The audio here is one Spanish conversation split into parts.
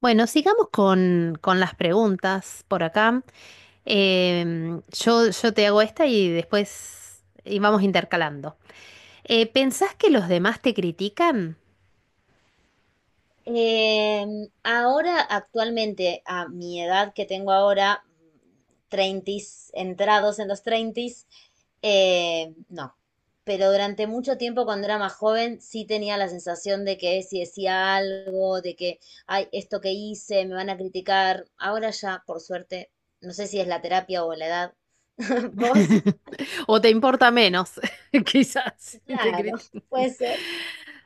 Bueno, sigamos con las preguntas por acá. Yo te hago esta y después y vamos intercalando. ¿Pensás que los demás te critican? Em, Ahora, actualmente, a mi edad que tengo ahora, 30, entrados en los 30, no. Pero durante mucho tiempo, cuando era más joven, sí tenía la sensación de que si decía algo, de que, ay, esto que hice, me van a criticar. Ahora ya, por suerte, no sé si es la terapia o la edad. ¿Vos? O te importa menos, quizás, y te Claro, critican. puede ser.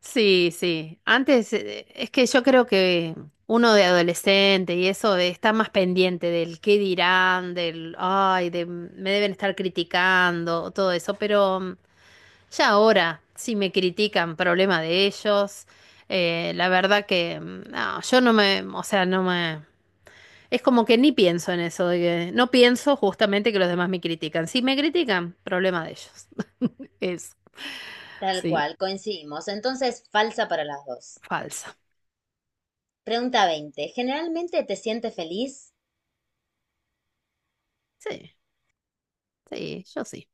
Sí, sí. Antes, es que yo creo que uno de adolescente y eso está más pendiente del qué dirán, del, ay, de, me deben estar criticando, todo eso, pero ya ahora, si me critican, problema de ellos. La verdad que no, yo no me, o sea, no me... Es como que ni pienso en eso, no pienso justamente que los demás me critican. Si me critican, problema de ellos. Es, Tal sí, cual, coincidimos. Entonces, falsa para las dos. falsa. Pregunta 20. ¿Generalmente te sientes feliz? Sí, sí, yo sí.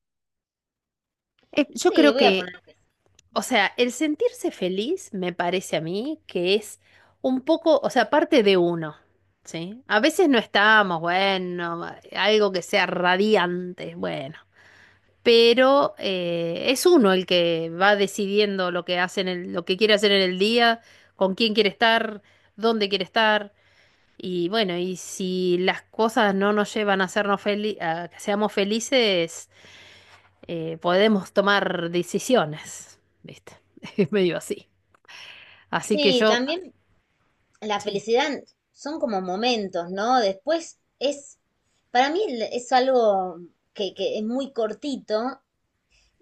Yo Sí, creo voy a que, poner que sí. o sea, el sentirse feliz me parece a mí que es un poco, o sea, parte de uno, ¿sí? A veces no estamos, bueno, algo que sea radiante, bueno. Pero es uno el que va decidiendo lo que hace lo que quiere hacer en el día, con quién quiere estar, dónde quiere estar. Y bueno, y si las cosas no nos llevan a hacernos felices, a que seamos felices, podemos tomar decisiones, ¿viste? Es medio así. Así que Sí, yo, también la sí. felicidad son como momentos, ¿no? Después es, para mí es algo que es muy cortito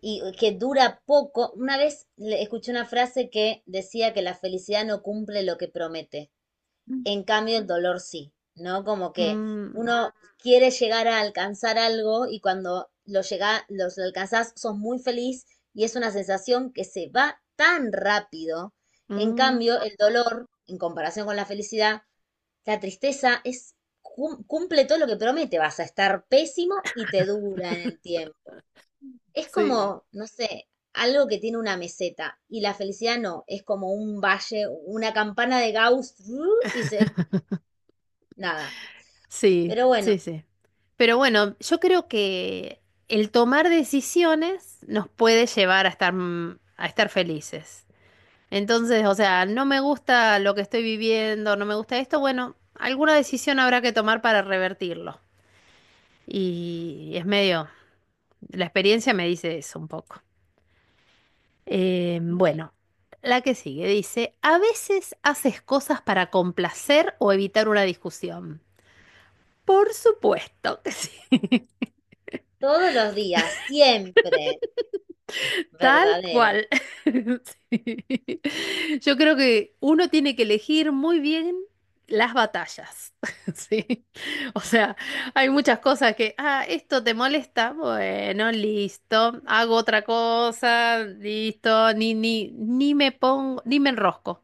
y que dura poco. Una vez escuché una frase que decía que la felicidad no cumple lo que promete. En cambio, el dolor sí, ¿no? Como que Mm, uno quiere llegar a alcanzar algo y cuando lo llega, los alcanzás, sos muy feliz y es una sensación que se va tan rápido. En mm, cambio, el dolor, en comparación con la felicidad, la tristeza es cumple todo lo que promete, vas a estar pésimo y te dura en el tiempo. Es sí. como, no sé, algo que tiene una meseta y la felicidad no, es como un valle, una campana de Gauss ¡ru! Y se nada. Sí, Pero sí, bueno, sí. Pero bueno, yo creo que el tomar decisiones nos puede llevar a estar, a estar felices. Entonces, o sea, no me gusta lo que estoy viviendo, no me gusta esto, bueno, alguna decisión habrá que tomar para revertirlo. Y sí, es medio, la experiencia me dice eso un poco. Bien. Bueno, la que sigue dice, a veces haces cosas para complacer o evitar una discusión. Por supuesto que sí. Todos los días, siempre Tal verdadero. cual. Sí. Yo creo que uno tiene que elegir muy bien las batallas. Sí. O sea, hay muchas cosas que, ah, esto te molesta. Bueno, listo. Hago otra cosa. Listo. Ni me pongo, ni me enrosco.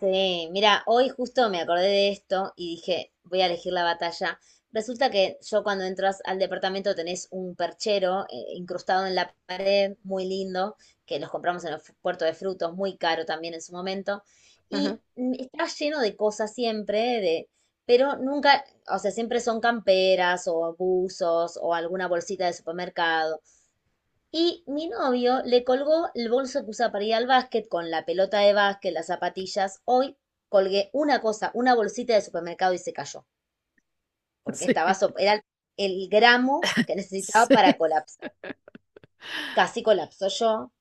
Sí, mira, hoy justo me acordé de esto y dije, voy a elegir la batalla. Resulta que yo cuando entras al departamento tenés un perchero incrustado en la pared, muy lindo, que los compramos en el puerto de frutos, muy caro también en su momento. Ajá. Y está lleno de cosas siempre, de, pero nunca, o sea, siempre son camperas o buzos o alguna bolsita de supermercado. Y mi novio le colgó el bolso que usa para ir al básquet con la pelota de básquet, las zapatillas. Hoy colgué una cosa, una bolsita de supermercado y se cayó, porque Sí. estaba, era el gramo que necesitaba para Sí. colapsar. Casi colapsó yo.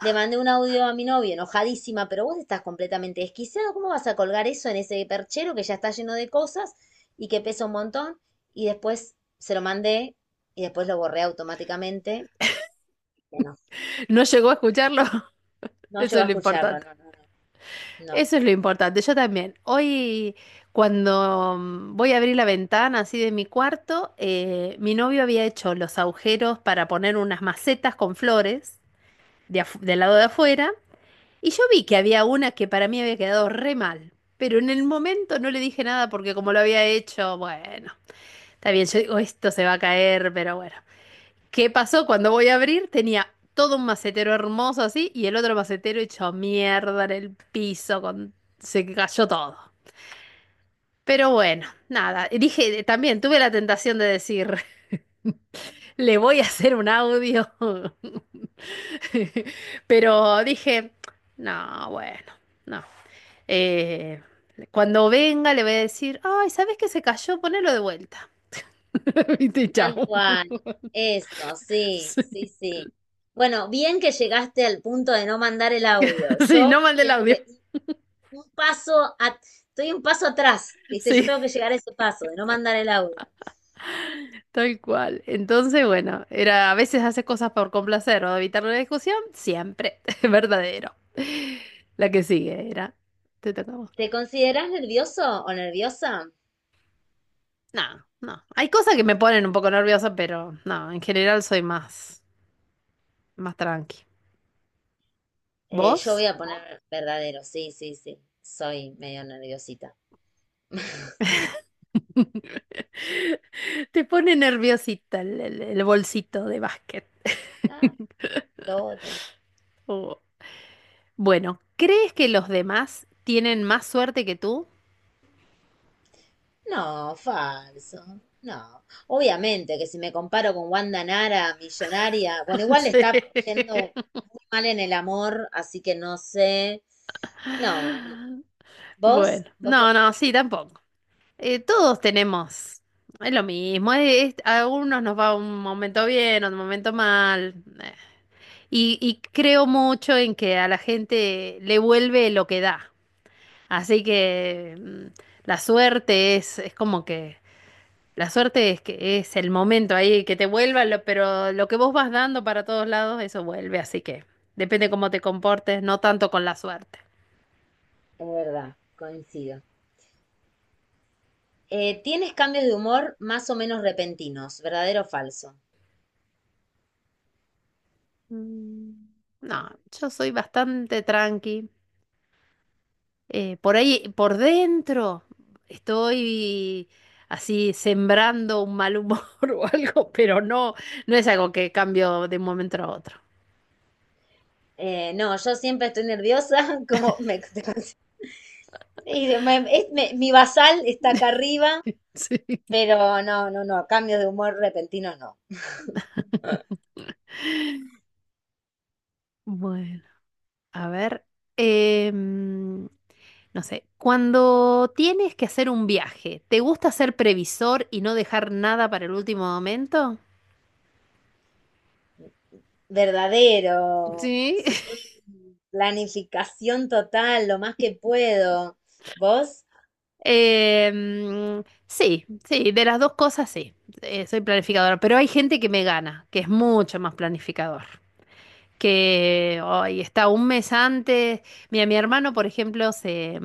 Le mandé un audio a mi novio enojadísima, pero vos estás completamente desquiciado. ¿Cómo vas a colgar eso en ese perchero que ya está lleno de cosas y que pesa un montón? Y después se lo mandé y después lo borré automáticamente. Que No, No llegó a escucharlo. no Eso llegó es a lo escucharlo, importante. no, no, no. No. Eso es lo importante. Yo también. Hoy, cuando voy a abrir la ventana así de mi cuarto, mi novio había hecho los agujeros para poner unas macetas con flores del lado de afuera. Y yo vi que había una que para mí había quedado re mal. Pero en el momento no le dije nada porque como lo había hecho, bueno, está bien, yo digo, esto se va a caer, pero bueno. ¿Qué pasó? Cuando voy a abrir tenía todo un macetero hermoso así y el otro macetero hecho mierda en el piso, con... se cayó todo. Pero bueno, nada, y dije, también tuve la tentación de decir, le voy a hacer un audio. Pero dije, no, bueno, no. Eh, cuando venga le voy a decir, ay, ¿sabes qué se cayó? Ponelo de vuelta. Viste, chao. Tal cual, eso, sí, Sí, sí, sí. Bueno, bien que llegaste al punto de no mandar el audio. sí, Yo no mandé el tengo audio. que un paso, estoy un paso atrás, ¿viste? Yo Sí. tengo que llegar a ese paso de no mandar el audio. Tal cual. Entonces, bueno, era a veces hace cosas por complacer o evitar una discusión, siempre verdadero. La que sigue era, te toca a vos. ¿Te considerás nervioso o nerviosa? No, no. Hay cosas que me ponen un poco nerviosa, pero no, en general soy más, más tranqui. Yo ¿Vos? voy a poner verdadero, sí, sí, sí. Soy medio nerviosita. Te pone nerviosita el bolsito de básquet. Ah, lo odio. Oh. Bueno, ¿crees que los demás tienen más suerte que tú? No, falso. No. Obviamente que si me comparo con Wanda Nara, millonaria, bueno, igual le Sí. está yendo muy mal en el amor, así que no sé. No, no. ¿Vos? Bueno, ¿Vos qué no, opinás? no, sí, tampoco. Todos tenemos, es lo mismo, a algunos nos va un momento bien, otro momento mal, eh, y creo mucho en que a la gente le vuelve lo que da, así que la suerte es, como que, la suerte es que es el momento ahí que te vuelva, pero lo que vos vas dando para todos lados, eso vuelve, así que depende cómo te comportes, no tanto con la suerte. Es verdad, coincido. ¿Tienes cambios de humor más o menos repentinos, verdadero o falso? Mm, No, yo soy bastante tranqui. Por ahí, por dentro, estoy así sembrando un mal humor o algo, pero no, no es algo que cambio de un momento a otro. No, yo siempre estoy nerviosa, como me, y mi basal está acá arriba, Sí. pero no, no, no, cambios de humor repentinos no. Bueno, a ver, em, no sé, cuando tienes que hacer un viaje, ¿te gusta ser previsor y no dejar nada para el último momento? Verdadero, Sí. sí, planificación total, lo más que puedo. ¿Vos? Sí, sí, de las dos cosas sí. Soy planificadora, pero hay gente que me gana, que es mucho más planificador. Que hoy está un mes antes. Mira, mi hermano, por ejemplo, se,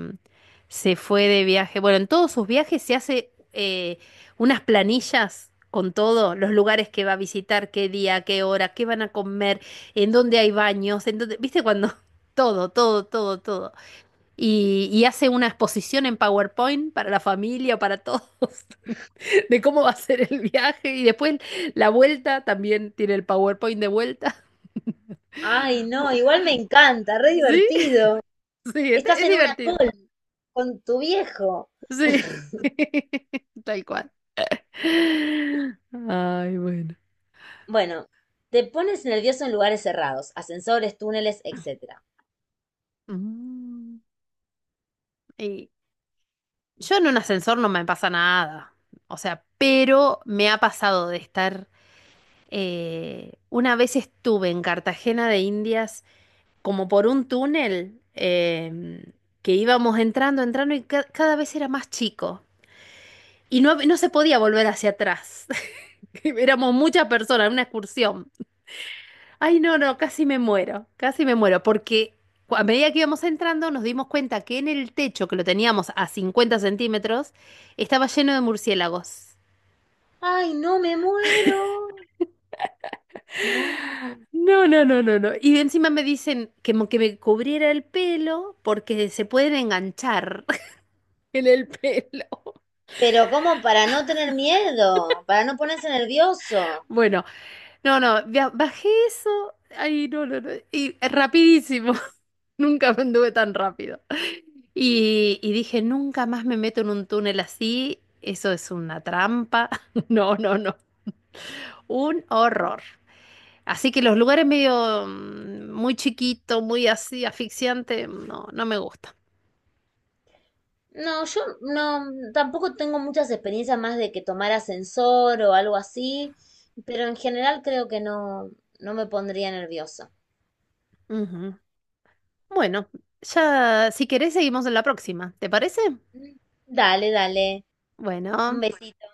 se fue de viaje. Bueno, en todos sus viajes se hace unas planillas con todo, los lugares que va a visitar, qué día, qué hora, qué van a comer, en dónde hay baños, en dónde, viste, cuando todo, todo, todo, todo. Y hace una exposición en PowerPoint para la familia, para todos, de cómo va a ser el viaje. Y después la vuelta también tiene el PowerPoint de vuelta. Ay, no, igual me encanta, re Sí, divertido. sí, Estás es en una divertido. call con tu viejo. Sí, tal cual. Ay, bueno. Bueno, te pones nervioso en lugares cerrados, ascensores, túneles, etcétera. Mm, y yo en un ascensor no me pasa nada. O sea, pero me ha pasado de estar... una vez estuve en Cartagena de Indias como por un túnel que íbamos entrando, entrando y cada vez era más chico. Y no, no se podía volver hacia atrás. Éramos muchas personas, una excursión. Ay, no, no, casi me muero, porque a medida que íbamos entrando nos dimos cuenta que en el techo, que lo teníamos a 50 centímetros, estaba lleno de murciélagos. Ay, no, me muero. No. No, no, no, no, no. Y encima me dicen que me cubriera el pelo porque se pueden enganchar en el pelo. Pero ¿cómo para no tener miedo? Para no ponerse nervioso. Bueno, no, no, bajé eso. Ay, no, no, no. Y rapidísimo. Nunca me anduve tan rápido. Y dije, nunca más me meto en un túnel así. Eso es una trampa. No, no, no. Un horror. Así que los lugares medio muy chiquito, muy así, asfixiante, no, no me gusta. No, yo no, tampoco tengo muchas experiencias más de que tomar ascensor o algo así, pero en general creo que no, no me pondría nerviosa. Ujú. Bueno, ya si querés seguimos en la próxima. ¿Te parece? Dale, dale. Un Bueno. besito.